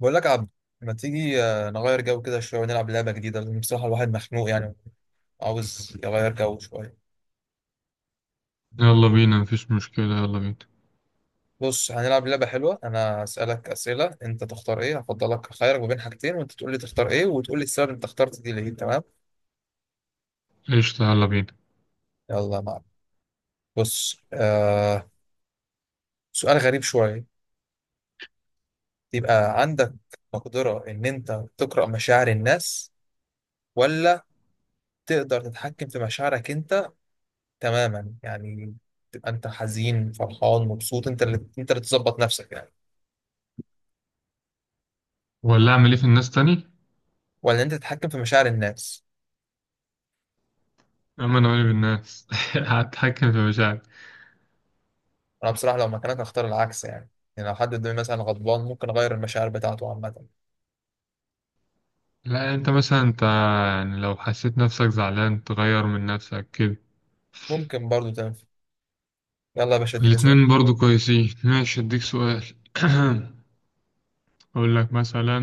بقول لك يا عبد، ما تيجي نغير جو كده شويه ونلعب لعبه جديده، لان بصراحه الواحد مخنوق يعني عاوز يغير جو شويه. يلا بينا، مفيش مشكلة، يلا بينا. بص، هنلعب لعبه حلوه. انا هسالك اسئله انت تختار ايه، هفضلك خيرك ما بين حاجتين وانت تقول لي تختار ايه وتقول لي السبب انت اخترت دي ليه. تمام؟ قشطة، يلا بينا. يلا يا معلم. بص، سؤال غريب شويه. يبقى عندك مقدره ان انت تقرا مشاعر الناس، ولا تقدر تتحكم في مشاعرك انت تماما يعني، تبقى انت حزين فرحان مبسوط انت اللي تظبط نفسك يعني، ولا أعمل إيه في الناس تاني؟ ولا انت تتحكم في مشاعر الناس؟ أما أنا مالي بالناس هتحكم في مشاعري. انا بصراحه لو مكانك هختار العكس يعني لو حد قدامي مثلا غضبان ممكن اغير المشاعر بتاعته عامه. لا أنت مثلا أنت، يعني لو حسيت نفسك زعلان تغير من نفسك كده. ممكن برضو تنفع. يلا يا باشا، اديني سؤال. الاتنين برضو كويسين، ماشي أديك سؤال. أقول لك مثلا،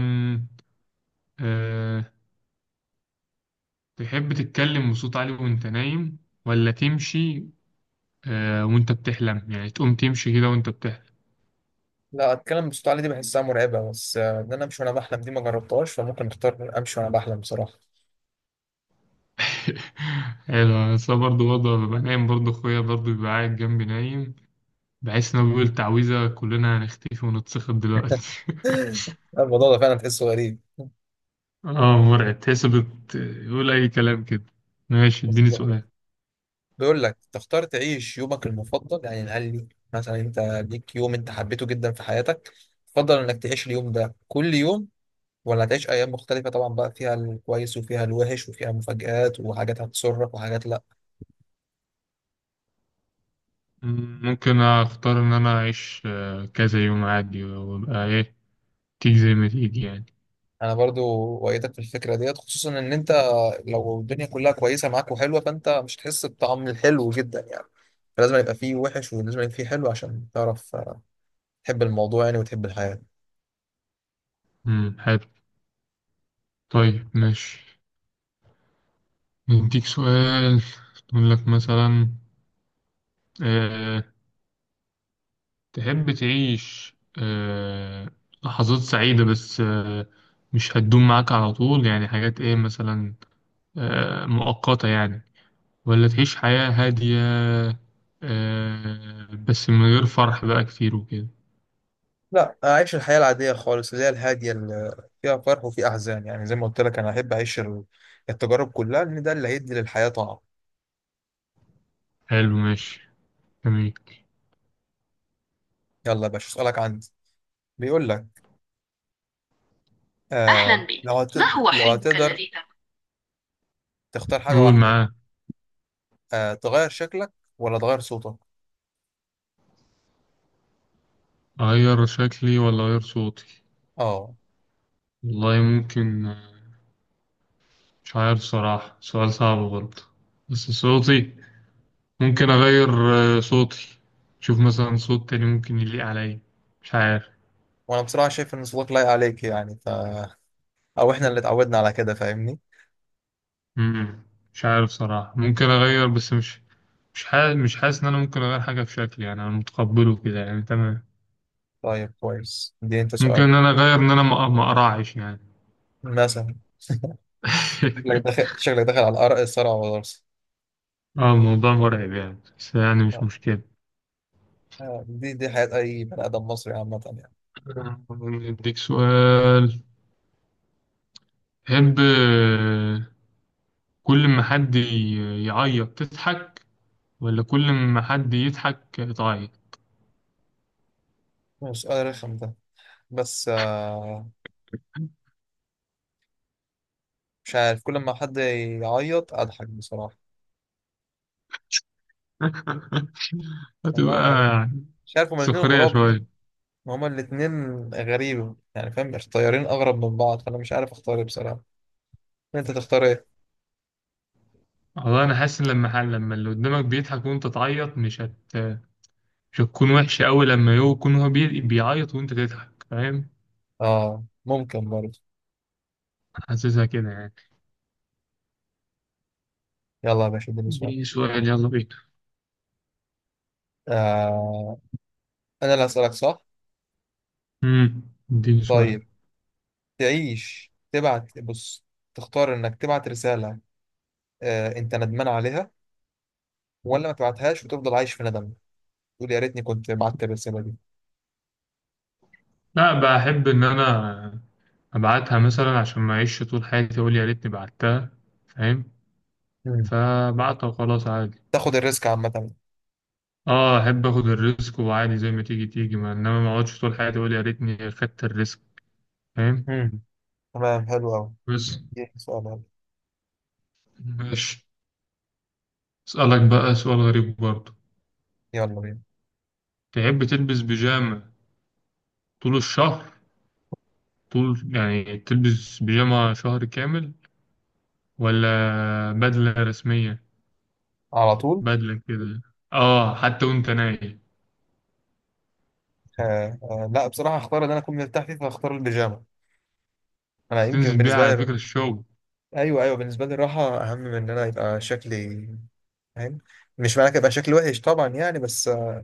أه... تحب تتكلم بصوت عالي وأنت نايم، ولا تمشي وأنت بتحلم، يعني تقوم تمشي كده وأنت بتحلم. لا، اتكلم بصوت عالي دي بحسها مرعبه، بس ان انا امشي وانا بحلم دي ما جربتهاش، فممكن اختار امشي وانا بحلم بصراحه. حلو، بس أنا برضه ببقى نايم، برضه أخويا برضه بيبقى قاعد جنبي نايم. بحس إن هو بيقول تعويذة كلنا هنختفي ونتسخط دلوقتي. الموضوع ده فعلا تحسه غريب. آه مرعب، تحس يقول أي كلام كده. ماشي اديني بالظبط. سؤال. بيقول لك تختار تعيش يومك المفضل، يعني قال لي مثلا انت ليك يوم انت حبيته جدا في حياتك، تفضل انك تعيش اليوم ده كل يوم، ولا هتعيش ايام مختلفه طبعا بقى فيها الكويس وفيها الوحش وفيها مفاجآت وحاجات هتسرك وحاجات لا؟ ممكن أختار إن أنا أعيش، كذا يوم عادي وأبقى إيه، تيجي زي ما تيجي يعني. انا برضو وايدك في الفكره ديت، خصوصا ان انت لو الدنيا كلها كويسه معاك وحلوه فانت مش هتحس بطعم الحلو جدا يعني. فلازم يبقى فيه وحش ولازم يبقى فيه حلو عشان تعرف تحب الموضوع يعني وتحب الحياه. حلو. طيب ماشي، نديك سؤال. نقول لك مثلا، آه، تحب تعيش آه، لحظات سعيدة بس، مش هتدوم معاك على طول يعني، حاجات ايه مثلا، مؤقتة يعني، ولا تعيش حياة هادية بس من غير فرح بقى كتير وكده. لا، اعيش الحياه العاديه خالص اللي هي الهاديه اللي فيها فرح وفيها احزان يعني. زي ما قلت لك انا احب اعيش التجارب كلها لان ده اللي هيدي للحياه طعم. حلو ماشي، جميل. يلا يا باشا، اسالك عندي. بيقول لك، أهلا آه بك، لو هت... ما هو لو حلمك هتقدر الذي تبغى؟ تختار حاجة قول واحدة، معاه. تغير شكلك ولا تغير صوتك؟ أغير شكلي ولا أغير صوتي؟ اه، والله ممكن، مش عارف صراحة، سؤال صعب برضه. بس صوتي ممكن أغير، صوتي. شوف مثلا صوت تاني ممكن يليق عليا، مش عارف. وانا بصراحة شايف ان صوتك لايق عليك يعني، او احنا اللي اتعودنا على كده فاهمني. مم. مش عارف صراحة، ممكن أغير بس مش مش حاسس مش حاسس إن أنا ممكن أغير حاجة في شكلي، يعني أنا متقبله كده يعني، تمام. طيب كويس، دي انت ممكن سؤال. إن أنا أغير إن أنا ما أقرعش يعني. مثلا. شكلك داخل شكلك داخل على الأرق الصرع والغرس. اه الموضوع مرعب يعني، بس يعني مش آه. مشكلة. دي حياة أي بني آدم مصري عامة يعني. نديك سؤال. تحب، كل ما حد يعيط تضحك، ولا كل ما حد يضحك تعيط؟ هو سؤال رخم ده، بس مش عارف. كل ما حد يعيط أضحك بصراحة. والله هتبقى يعني مش عارف، هما الاتنين سخرية غراب. شوية. هما الاتنين غريبة يعني، فاهم، طيارين أغرب من بعض، فأنا مش عارف أختار إيه بصراحة. أنت تختار إيه؟ والله أنا حاسس إن لما اللي قدامك بيضحك وأنت تعيط، مش هتكون وحشة أوي لما يكون هو بيعيط وأنت تضحك، فاهم؟ آه، ممكن برضه. حاسسها كده يعني. يلا يا باشا، اديني سؤال. اديني سؤال يلا بينا. آه، أنا اللي هسألك صح؟ امم، اديني سؤال. طيب، تعيش تبعت بص، تختار إنك تبعت رسالة أنت ندمان عليها، ولا ما تبعتهاش وتفضل عايش في ندم تقول يا ريتني كنت بعت الرسالة دي؟ لا، بحب إن أنا أبعتها مثلا، عشان ما أعيش طول حياتي أقول يا ريتني بعتها، فاهم؟ مم. فبعتها وخلاص عادي. تاخد الريسك عامة. اه احب اخد الريسك وعادي، زي ما تيجي تيجي، ما اقعدش طول حياتي اقول يا ريتني خدت الريسك، فاهم؟ مم. تمام حلو أوي. بس إيه سؤال حلو. ماشي، أسألك بقى سؤال غريب برضه. يلا بينا. تحب تلبس بيجامة طول الشهر، طول يعني تلبس بيجامة شهر كامل، ولا بدلة رسمية، على طول. بدلة كده، اه حتى وانت نايم؟ لا، بصراحة هختار إن أنا أكون مرتاح فيه فهختار البيجامة. انا يمكن هتنزل بيها بالنسبه على لي. فكرة الشغل. ايوه، ايوه، بالنسبه لي الراحه اهم من ان انا يبقى شكلي، فاهم. مش معنى كده يبقى شكلي وحش طبعا يعني، بس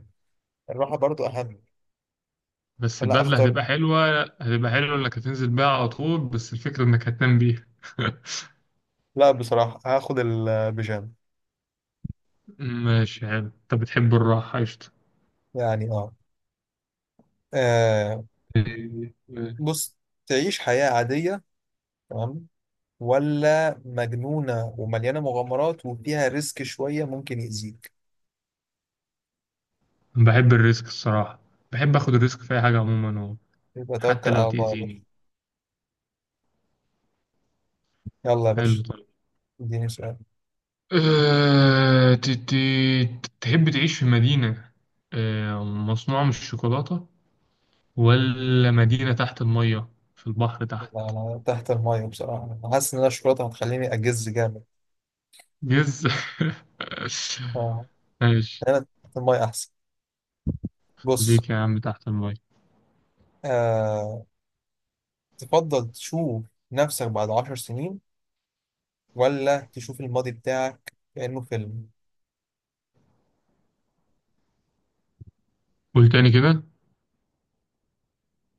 الراحه برضو اهم. بس فلا البدلة اختار. هتبقى حلوة، هتبقى حلوة انك هتنزل بيها على طول، بس الفكرة انك هتنام بيها. لا، بصراحه هاخد البيجامه. ماشي حلو، انت بتحب الراحة، قشطة. يعني اه. آه، إيه، إيه. بص، تعيش حياه عاديه تمام، ولا مجنونه ومليانه مغامرات وفيها ريسك شويه ممكن يأذيك؟ بحب الريسك الصراحة، بحب اخد الريسك في اي حاجة عموما، هو يبقى توكل حتى لو على الله يا باشا. تأذيني. يلا يا حلو. باشا، اديني سؤال. أه... ت... ت... تحب تعيش في مدينة مصنوعة من الشوكولاتة، ولا مدينة تحت المية، في البحر تحت؟ لا، انا تحت الميه بصراحه، انا حاسس ان انا الشرطه هتخليني اجز جامد. جز. آه. ماشي، خيانة. المية أحسن. بص، ليك يا عم تحت المية. آه، تفضل تشوف نفسك بعد 10 سنين، ولا تشوف الماضي بتاعك كأنه فيلم؟ قول تاني كده.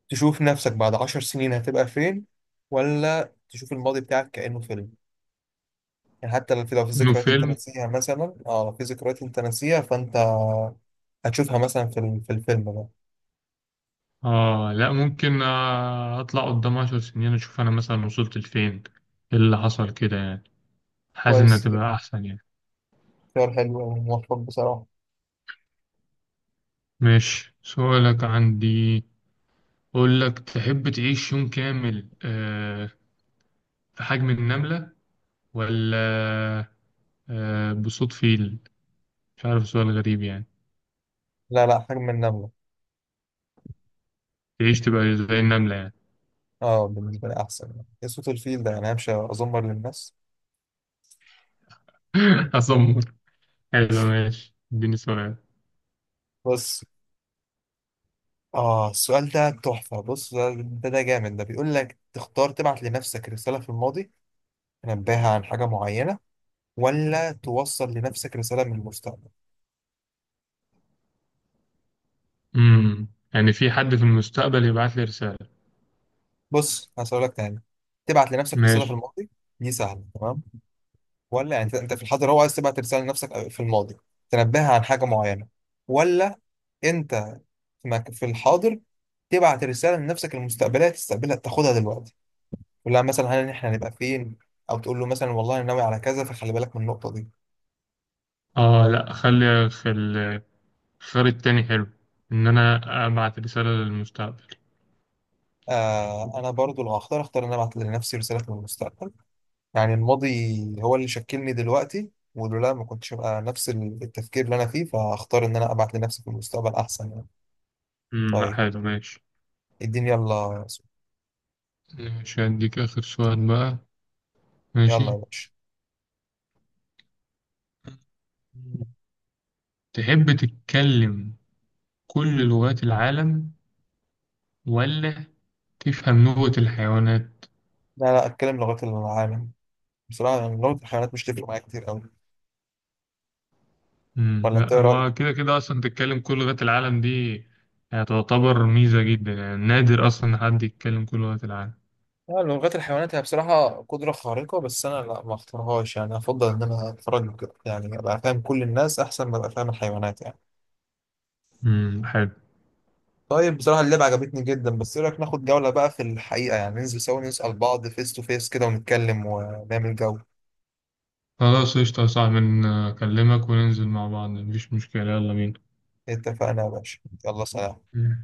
تشوف نفسك بعد عشر سنين هتبقى فين، ولا تشوف الماضي بتاعك كأنه فيلم؟ يعني حتى لو في انه ذكريات انت فيلم. ناسيها مثلا، لو في ذكريات انت ناسيها فانت هتشوفها مثلا في الفيلم ده. اه لا، ممكن اطلع قدام 10 سنين اشوف انا مثلا وصلت لفين، ايه اللي حصل كده يعني، حاسس انها كويس، تبقى احسن يعني. اختيار حلو وموفق بصراحة. ماشي سؤالك عندي. أقول لك، تحب تعيش يوم كامل آه، في حجم النملة، ولا بصوت فيل؟ مش عارف، سؤال غريب يعني. لا، لا، حجم النملة. تعيش تبقى زي النملة يعني. اه، بالنسبة لي أحسن يعني. إيه صوت الفيل ده؟ يعني همشي أزمر للناس. أصمر. حلو ماشي، اديني سؤال. بس، السؤال ده تحفة. بص، ده جامد ده، بيقول لك تختار تبعت لنفسك رسالة في الماضي تنبهها عن حاجة معينة، ولا توصل لنفسك رسالة من المستقبل؟ امم، يعني في حد في المستقبل يبعت لي رسالة؟ بص، هسألك تاني. تبعت لنفسك رسالة في ماشي. الماضي دي سهلة تمام، ولا يعني أنت في الحاضر هو عايز تبعت رسالة لنفسك في الماضي تنبهها عن حاجة معينة، ولا أنت في الحاضر تبعت رسالة لنفسك المستقبلية تستقبلها تاخدها دلوقتي، تقول لها مثلا هل إحنا هنبقى فين، أو تقول له مثلا والله أنا ناوي على كذا فخلي بالك من النقطة دي؟ اه لا، خلي في الخيار التاني حلو، ان انا ابعت رسالة للمستقبل. آه، انا برضو لو هختار اختار ان انا ابعت لنفسي رسالة من المستقبل. يعني الماضي هو اللي شكلني دلوقتي ولولا ما كنتش ابقى نفس التفكير اللي انا فيه، فاختار ان انا ابعت لنفسي في المستقبل احسن يعني. امم، لا طيب، حلو ماشي. اديني يلا يا سو- ماشي، هديك اخر سؤال بقى. يلا ماشي، يا باشا. تحب تتكلم كل لغات العالم، ولا تفهم نوبة الحيوانات؟ لا، لا، اتكلم لغات العالم. بصراحة يعني لغة الحيوانات مش تفرق معايا كتير قوي. مم. ولا انت، لا، ايه هو رأيك؟ كده كده أصلا تتكلم كل لغات العالم دي، يعني تعتبر ميزة جدا يعني، نادر أصلا إن حد يتكلم كل لغات العالم. لا، لغات الحيوانات هي بصراحة قدرة خارقة، بس أنا لا ما اختارهاش يعني. أفضل إن أنا أتفرج يعني أبقى فاهم كل الناس أحسن ما أبقى فاهم الحيوانات يعني. مم. حلو. طيب، بصراحة اللعبة عجبتني جدا، بس ايه رأيك ناخد جولة بقى في الحقيقة يعني ننزل سوا نسأل بعض فيس تو فيس كده ونتكلم ونعمل جو؟ خلاص قشطة يا صاحبي، أكلمك وننزل مع بعض، مفيش مشكلة، يلا بينا. اتفقنا يا باشا، يلا سلام. مم.